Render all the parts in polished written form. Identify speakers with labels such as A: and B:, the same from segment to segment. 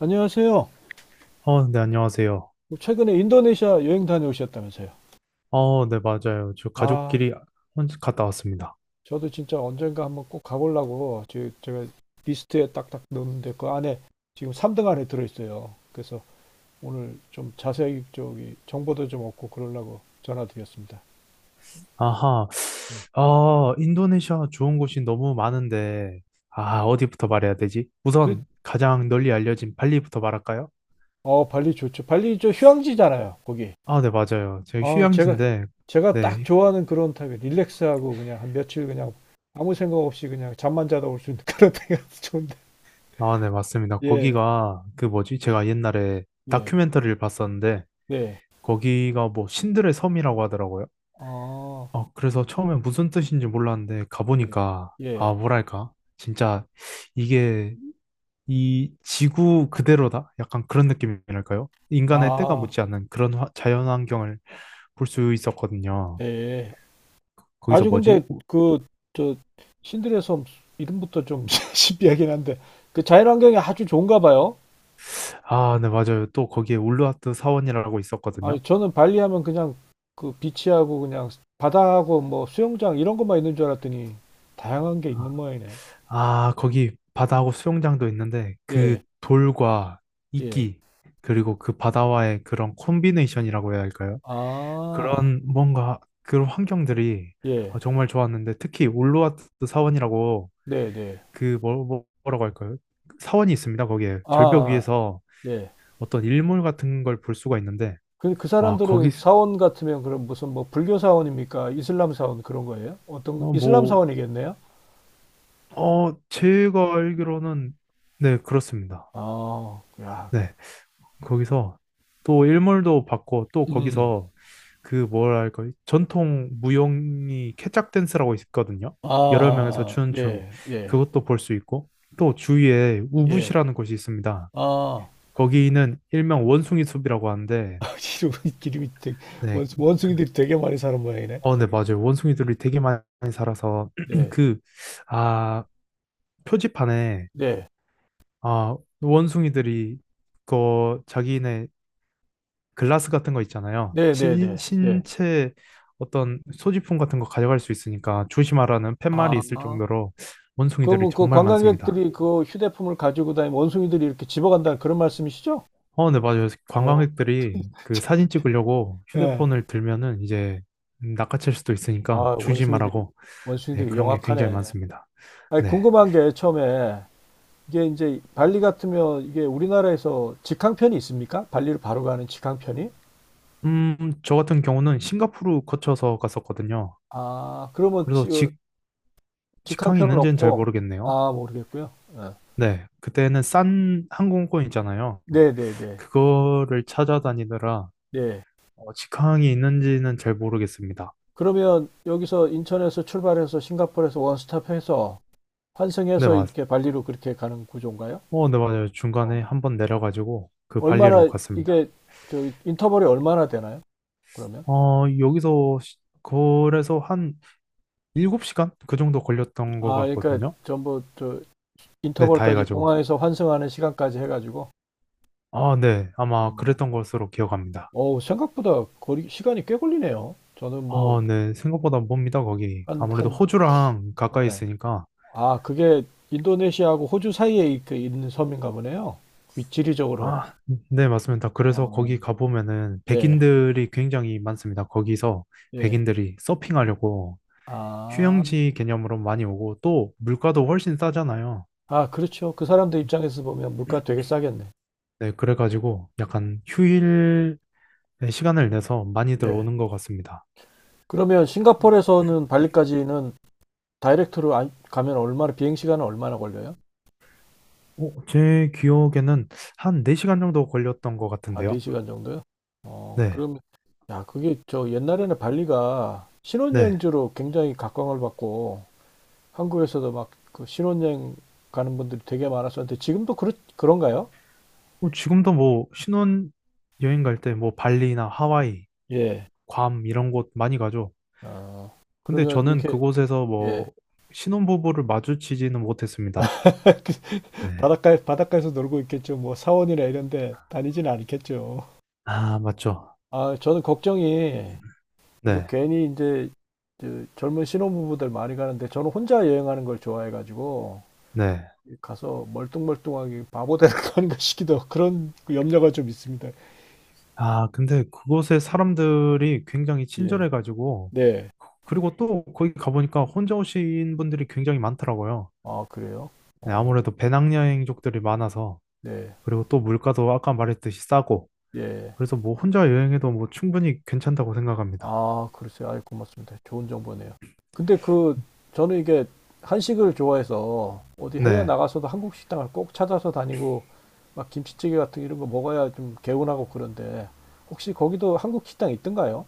A: 안녕하세요.
B: 네, 안녕하세요.
A: 최근에 인도네시아 여행 다녀오셨다면서요?
B: 네, 맞아요. 저
A: 아,
B: 가족끼리 혼자 갔다 왔습니다.
A: 저도 진짜 언젠가 한번 꼭 가보려고 제가 리스트에 딱딱 넣었는데 그 안에 지금 3등 안에 들어있어요. 그래서 오늘 좀 자세히 저기 정보도 좀 얻고 그러려고 전화드렸습니다.
B: 아하.
A: 네.
B: 아, 인도네시아 좋은 곳이 너무 많은데, 아, 어디부터 말해야 되지?
A: 그,
B: 우선 가장 널리 알려진 발리부터 말할까요?
A: 어, 발리 좋죠. 발리 저 휴양지잖아요, 거기.
B: 아, 네, 맞아요. 제가
A: 아, 제가,
B: 휴양지인데,
A: 제가 딱
B: 네,
A: 좋아하는 그런 타입이에요. 릴렉스하고 그냥 한 며칠 그냥 아무 생각 없이 그냥 잠만 자다 올 수 있는 그런 타입이 좋은데.
B: 아, 네, 맞습니다.
A: 예,
B: 거기가 그 뭐지? 제가 옛날에
A: 예,
B: 다큐멘터리를 봤었는데,
A: 네.
B: 거기가 뭐 신들의 섬이라고 하더라고요.
A: 아,
B: 그래서 처음에 무슨 뜻인지 몰랐는데
A: 예,
B: 가보니까
A: 예.
B: 아, 뭐랄까? 진짜 이게 이 지구 그대로다? 약간 그런 느낌이랄까요? 인간의 때가
A: 아,
B: 묻지 않는 그런 자연환경을 볼 수 있었거든요.
A: 예. 예.
B: 거기서
A: 아주
B: 뭐지?
A: 근데 그, 저, 신들의 섬 이름부터 좀 신비하긴 한데, 그 자연환경이 아주 좋은가 봐요.
B: 아, 네, 맞아요. 또 거기에 울루와트 사원이라고 있었거든요.
A: 아니, 저는 발리 하면 그냥 그 비치하고 그냥 바다하고 뭐 수영장 이런 것만 있는 줄 알았더니 다양한 게 있는
B: 아,
A: 모양이네.
B: 아, 거기 바다하고 수영장도 있는데 그
A: 예,
B: 돌과
A: 예.
B: 이끼 그리고 그 바다와의 그런 콤비네이션이라고 해야 할까요?
A: 아,
B: 그런 뭔가 그런 환경들이
A: 예.
B: 정말 좋았는데 특히 올로와트 사원이라고
A: 네, 네.
B: 그 뭐라고 할까요? 그 사원이 있습니다. 거기에
A: 아,
B: 절벽
A: 아,
B: 위에서
A: 예.
B: 어떤 일몰 같은 걸 볼 수가 있는데
A: 그, 그
B: 와, 거기
A: 사람들은 사원 같으면 그럼 무슨 뭐 불교 사원입니까? 이슬람 사원 그런 거예요? 어떤,
B: 어,
A: 이슬람
B: 뭐
A: 사원이겠네요?
B: 제가 알기로는 네, 그렇습니다.
A: 아, 야,
B: 네. 거기서 또 일몰도 받고 또
A: 음,
B: 거기서 그 뭐랄까 전통 무용이 케짝 댄스라고 있거든요.
A: 아,
B: 여러 명에서
A: 아, 아,
B: 추는 춤,
A: 예, 예,
B: 그것도 볼 수 있고 또 주위에
A: 예,
B: 우붓이라는 곳이 있습니다.
A: 아,
B: 거기는 일명 원숭이 숲이라고 하는데.
A: 름이 되게,
B: 네. 그-
A: 원숭이들이 되게 많이 사는 모양이네,
B: 네,
A: 거기.
B: 맞아요.
A: 예,
B: 원숭이들이 되게 많이 살아서
A: 네,
B: 그 아, 표지판에,
A: 네,
B: 아, 원숭이들이 그 자기네 글라스 같은 거 있잖아요.
A: 네, 네,
B: 신,
A: 네, 네.
B: 신체 어떤 소지품 같은 거 가져갈 수 있으니까 조심하라는 팻말이 있을
A: 아,
B: 정도로 원숭이들이
A: 그럼 그
B: 정말 많습니다.
A: 관광객들이 그 휴대폰을 가지고 다니면 원숭이들이 이렇게 집어간다는 그런 말씀이시죠?
B: 네, 맞아요.
A: 어,
B: 관광객들이 그 사진 찍으려고
A: 예.
B: 휴대폰을 들면은 이제 낚아챌 수도 있으니까
A: 아, 원숭이들이,
B: 조심하라고. 네,
A: 원숭이들이
B: 그런 게 굉장히
A: 영악하네.
B: 많습니다.
A: 아니,
B: 네.
A: 궁금한 게 처음에 이게 이제 발리 같으면 이게 우리나라에서 직항편이 있습니까? 발리를 바로 가는 직항편이?
B: 저 같은 경우는 싱가포르 거쳐서 갔었거든요.
A: 아, 그러면
B: 그래서
A: 어,
B: 직항이
A: 직항편은
B: 있는지는 잘
A: 없고,
B: 모르겠네요.
A: 아, 모르겠고요. 예.
B: 네, 그때는 싼 항공권 있잖아요.
A: 네네네. 네.
B: 그거를 찾아다니느라
A: 네. 네.
B: 직항이 있는지는 잘 모르겠습니다.
A: 그러면 여기서 인천에서 출발해서 싱가포르에서 원스톱 해서
B: 네,
A: 환승해서
B: 맞,
A: 이렇게 발리로 그렇게 가는 구조인가요?
B: 네, 맞아요.
A: 어.
B: 중간에 한번 내려가지고 그 발리로
A: 얼마나
B: 갔습니다.
A: 이게 저 인터벌이 얼마나 되나요? 그러면?
B: 어, 여기서 시- 그래서 한 7시간? 그 정도 걸렸던 것
A: 아, 그러니까
B: 같거든요.
A: 전부 저
B: 네, 다
A: 인터벌까지
B: 해가지고.
A: 공항에서 환승하는 시간까지 해가지고.
B: 아, 네. 아마
A: 어.
B: 그랬던 것으로 기억합니다.
A: 어우, 생각보다 거리, 시간이 꽤 걸리네요. 저는 뭐,
B: 아, 네. 생각보다 멉니다, 거기.
A: 한,
B: 아무래도
A: 한,
B: 호주랑 가까이
A: 예.
B: 있으니까.
A: 아, 그게 인도네시아하고 호주 사이에 그 있는 섬인가 보네요. 지리적으로.
B: 아, 네, 맞습니다. 그래서
A: 어,
B: 거기 가보면은
A: 네,
B: 백인들이 굉장히 많습니다. 거기서
A: 예.
B: 백인들이 서핑하려고
A: 아,
B: 휴양지 개념으로 많이 오고 또 물가도 훨씬 싸잖아요.
A: 아, 그렇죠. 그 사람들 입장에서 보면 물가 되게 싸겠네.
B: 네, 그래가지고 약간 휴일 시간을 내서 많이들
A: 예.
B: 오는 것 같습니다.
A: 그러면 싱가포르에서는 발리까지는 다이렉트로 가면 얼마나, 비행시간은 얼마나 걸려요?
B: 제 기억에는 한 4시간 정도 걸렸던 것
A: 아, 네
B: 같은데요.
A: 시간 정도요? 어,
B: 네,
A: 그럼, 야, 그게 저 옛날에는 발리가
B: 네.
A: 신혼여행지로 굉장히 각광을 받고, 한국에서도 막 그 신혼여행 가는 분들이 되게 많았었는데 지금도 그런가요?
B: 지금도 뭐 신혼 여행 갈 때 뭐 발리나 하와이,
A: 예.
B: 괌 이런 곳 많이 가죠.
A: 어,
B: 근데
A: 그러면
B: 저는
A: 이렇게
B: 그곳에서 뭐
A: 예.
B: 신혼부부를 마주치지는 못했습니다. 네.
A: 바닷가에서 놀고 있겠죠. 뭐 사원이나 이런 데 다니진 않겠죠.
B: 아, 맞죠.
A: 아, 저는 걱정이 이거
B: 네,
A: 괜히 이제 그 젊은 신혼부부들 많이 가는데 저는 혼자 여행하는 걸 좋아해가지고
B: 네.
A: 가서 멀뚱멀뚱하게 바보 되는 거 아닌가 싶기도 하고 그런 그 염려가 좀 있습니다.
B: 아, 근데 그곳의 사람들이 굉장히
A: 예.
B: 친절해가지고,
A: 네.
B: 그리고 또 거기 가보니까 혼자 오신 분들이 굉장히 많더라고요.
A: 아, 그래요?
B: 네,
A: 어,
B: 아무래도 배낭여행족들이 많아서,
A: 네.
B: 그리고 또 물가도 아까 말했듯이 싸고,
A: 예.
B: 그래서 뭐 혼자 여행해도 뭐 충분히 괜찮다고 생각합니다.
A: 아, 그러세요. 아이, 고맙습니다. 좋은 정보네요. 근데 그, 저는 이게 한식을 좋아해서 어디 해외
B: 네.
A: 나가서도 한국 식당을 꼭 찾아서 다니고 막 김치찌개 같은 이런 거 먹어야 좀 개운하고 그런데 혹시 거기도 한국 식당 있던가요?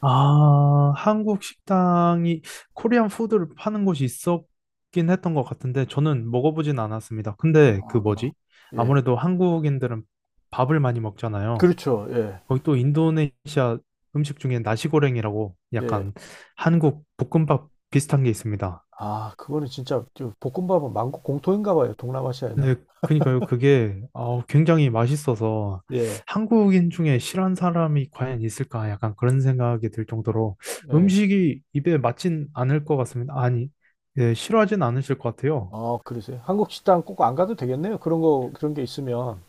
B: 아, 한국 식당이, 코리안 푸드를 파는 곳이 있었긴 했던 것 같은데 저는 먹어보진 않았습니다. 근데 그
A: 아,
B: 뭐지?
A: 예.
B: 아무래도 한국인들은 밥을 많이 먹잖아요.
A: 그렇죠. 예.
B: 거기 또 인도네시아 음식 중에 나시고랭이라고
A: 예.
B: 약간 한국 볶음밥 비슷한 게 있습니다.
A: 아, 그거는 진짜 저 볶음밥은 만국 공통인가 봐요. 동남아시아에나.
B: 네, 그니까요. 그게 굉장히 맛있어서
A: 예.
B: 한국인 중에 싫어하는 사람이 과연 있을까? 약간 그런 생각이 들 정도로
A: 예.
B: 음식이 입에 맞진 않을 것 같습니다. 아니, 네, 싫어하진 않으실 것 같아요.
A: 아, 그러세요. 한국 식당 꼭 안 가도 되겠네요. 그런 거, 그런 게 있으면.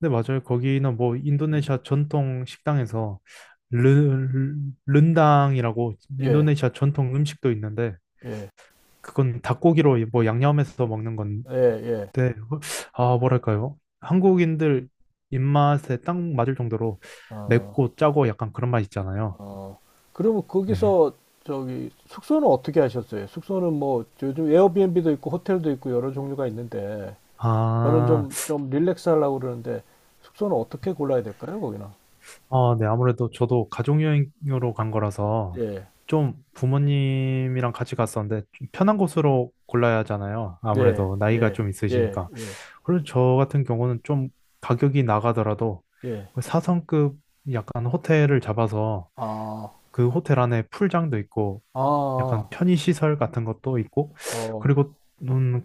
B: 네, 맞아요. 거기는 뭐
A: 음.
B: 인도네시아 전통 식당에서 르, 른당이라고
A: 예.
B: 인도네시아 전통 음식도 있는데,
A: 예.
B: 그건 닭고기로 뭐 양념해서 먹는,
A: 예. 예.
B: 네, 아, 뭐랄까요? 한국인들 입맛에 딱 맞을 정도로
A: 어.
B: 맵고 짜고 약간 그런 맛 있잖아요.
A: 어, 그러면
B: 네.
A: 거기서 저기 숙소는 어떻게 하셨어요? 숙소는 뭐 요즘 에어비앤비도 있고 호텔도 있고 여러 종류가 있는데 저는
B: 아,
A: 좀 릴렉스 하려고 그러는데 숙소는 어떻게 골라야 될까요, 거기는?
B: 아, 네. 아무래도 저도 가족여행으로 간 거라서
A: 예,
B: 좀 부모님이랑 같이 갔었는데 좀 편한 곳으로 골라야 하잖아요.
A: 예,
B: 아무래도 나이가
A: 예,
B: 좀
A: 예,
B: 있으시니까.
A: 예,
B: 그리고 저 같은 경우는 좀 가격이 나가더라도
A: 예.
B: 그 사성급 약간 호텔을 잡아서
A: 아,
B: 그 호텔 안에 풀장도 있고 약간
A: 아,
B: 편의시설 같은 것도 있고,
A: 어,
B: 그리고, 음,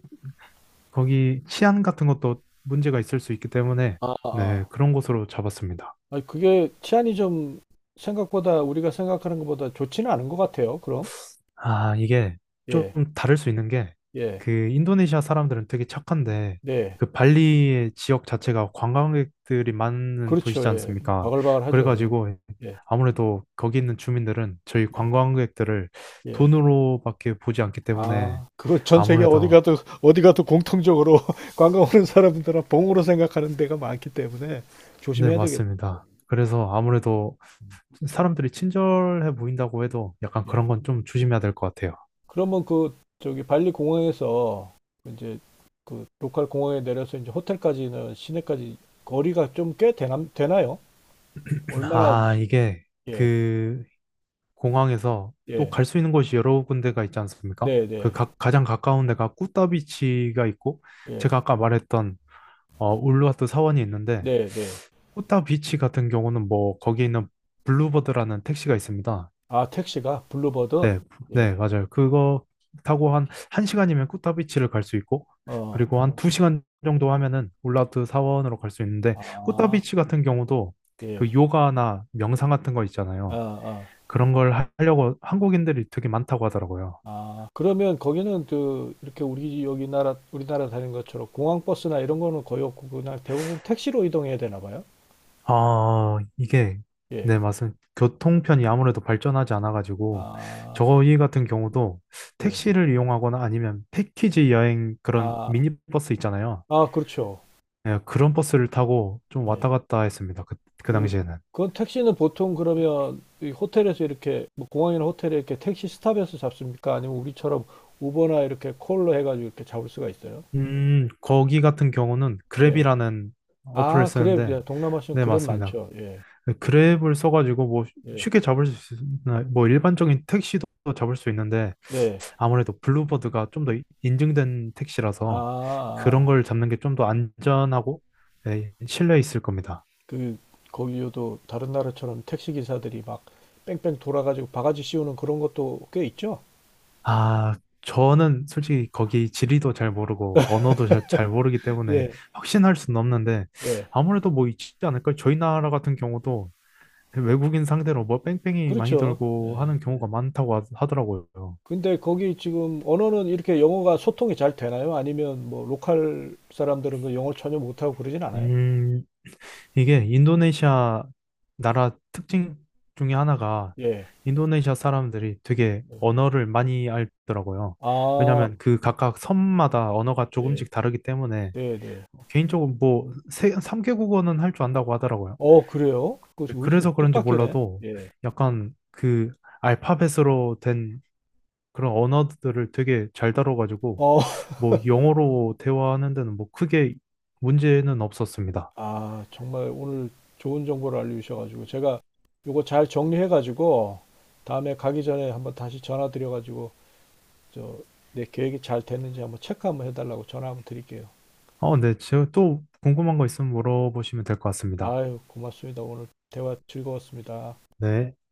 B: 거기 치안 같은 것도 문제가 있을 수 있기 때문에,
A: 아,
B: 네,
A: 아.
B: 그런 곳으로 잡았습니다.
A: 아니, 그게 치안이 좀 생각보다 우리가 생각하는 것보다 좋지는 않은 것 같아요, 그럼?
B: 아, 이게 좀
A: 예,
B: 다를 수 있는 게,
A: 예,
B: 그 인도네시아 사람들은 되게 착한데,
A: 네.
B: 그 발리의 지역 자체가 관광객들이 많은
A: 그렇죠,
B: 도시지
A: 예.
B: 않습니까?
A: 바글바글하죠, 예,
B: 그래가지고,
A: 예,
B: 아무래도 거기 있는 주민들은 저희
A: 예.
B: 관광객들을
A: 예.
B: 돈으로밖에 보지 않기 때문에,
A: 아, 그걸 전 세계
B: 아무래도,
A: 어디 가도 공통적으로 관광 오는 사람들은 봉으로 생각하는 데가 많기 때문에
B: 네,
A: 조심해야 되겠네요.
B: 맞습니다. 그래서 아무래도 사람들이 친절해 보인다고 해도 약간 그런
A: 예.
B: 건 좀 조심해야 될 것 같아요.
A: 그러면 그 저기 발리 공항에서 이제 그 로컬 공항에 내려서 이제 호텔까지는 시내까지 거리가 좀 되나요? 얼마나
B: 아,
A: 오지?
B: 이게
A: 예,
B: 그 공항에서 또
A: 예,
B: 갈 수 있는 곳이 여러 군데가 있지 않습니까?
A: 네,
B: 그
A: 네,
B: 가, 장 가까운 데가 꾸따비치가 있고
A: 예,
B: 제가 아까 말했던 울루와트 사원이 있는데,
A: 네, 네.
B: 꾸따비치 같은 경우는 뭐 거기 있는 블루버드라는 택시가 있습니다.
A: 아, 택시가 블루버드?
B: 네,
A: 예,
B: 네, 맞아요. 그거 타고 한 1시간이면 꾸타비치를 갈 수 있고,
A: 어,
B: 그리고 한두 2시간 정도 하면은 울라트 사원으로 갈 수 있는데,
A: 아,
B: 꾸타비치 같은 경우도
A: 예,
B: 그 요가나 명상 같은 거
A: 아,
B: 있잖아요.
A: 아.
B: 그런 걸 하려고 한국인들이 되게 많다고 하더라고요.
A: 아, 그러면 거기는 그 이렇게 우리 여기 나라 우리나라 다니는 것처럼 공항 버스나 이런 거는 거의 없고 그냥 대부분 택시로 이동해야 되나 봐요.
B: 아, 이게,
A: 예.
B: 네, 맞습니다. 교통편이 아무래도 발전하지 않아가지고,
A: 아,
B: 저희 같은 경우도
A: 예.
B: 택시를 이용하거나 아니면 패키지 여행 그런
A: 아,
B: 미니버스 있잖아요.
A: 아, 그렇죠.
B: 네, 그런 버스를 타고 좀
A: 예.
B: 왔다 갔다 했습니다. 그
A: 그
B: 당시에는.
A: 그건 택시는 보통 그러면 이 호텔에서 이렇게 뭐 공항이나 호텔에 이렇게 택시 스탑에서 잡습니까? 아니면 우리처럼 우버나 이렇게 콜로 해가지고 이렇게 잡을 수가 있어요?
B: 거기 같은 경우는
A: 네.
B: 그랩이라는 어플을
A: 아, 그래.
B: 쓰는데,
A: 예, 동남아시아는
B: 네,
A: 그랩
B: 맞습니다.
A: 많죠. 예.
B: 그 그랩을 써가지고 뭐
A: 예.
B: 쉽게 잡을 수 있는, 뭐 일반적인 택시도 잡을 수 있는데,
A: 네.
B: 아무래도 블루버드가 좀 더 인증된
A: 아,
B: 택시라서 그런
A: 아, 아.
B: 걸 잡는 게 좀 더 안전하고, 네, 신뢰 있을 겁니다.
A: 그 거기요도 다른 나라처럼 택시 기사들이 막 뺑뺑 돌아가지고 바가지 씌우는 그런 것도 꽤 있죠.
B: 아, 저는 솔직히 거기 지리도 잘 모르고 언어도 잘 모르기 때문에
A: 예.
B: 확신할 수는 없는데
A: 예,
B: 아무래도 뭐 있지 않을까요? 저희 나라 같은 경우도 외국인 상대로 뭐 뺑뺑이 많이
A: 그렇죠.
B: 돌고
A: 예.
B: 하는 경우가 많다고 하더라고요.
A: 근데 거기 지금 언어는 이렇게 영어가 소통이 잘 되나요? 아니면 뭐 로컬 사람들은 그 영어를 전혀 못하고 그러진 않아요?
B: 음, 이게 인도네시아 나라 특징 중에 하나가
A: 예.
B: 인도네시아 사람들이 되게 언어를 많이 알더라고요.
A: 아,
B: 왜냐하면 그 각각 섬마다 언어가
A: 예.
B: 조금씩 다르기 때문에
A: 네, 네.
B: 뭐 개인적으로 뭐 3개국어는 할 줄 안다고 하더라고요.
A: 어, 그래요? 그거 지금
B: 그래서 그런지
A: 뜻밖이네.
B: 몰라도
A: 예.
B: 약간 그 알파벳으로 된 그런 언어들을 되게 잘 다뤄가지고
A: 어,
B: 뭐 영어로 대화하는 데는 뭐 크게 문제는 없었습니다.
A: 아, 정말 오늘 좋은 정보를 알려주셔가지고 제가 요거 잘 정리해가지고 다음에 가기 전에 한번 다시 전화 드려가지고 저 내 계획이 잘 됐는지 한번 체크 한번 해달라고 전화 한번 드릴게요.
B: 네. 제가 또 궁금한 거 있으면 물어보시면 될 것 같습니다.
A: 아유, 고맙습니다. 오늘 대화 즐거웠습니다.
B: 네.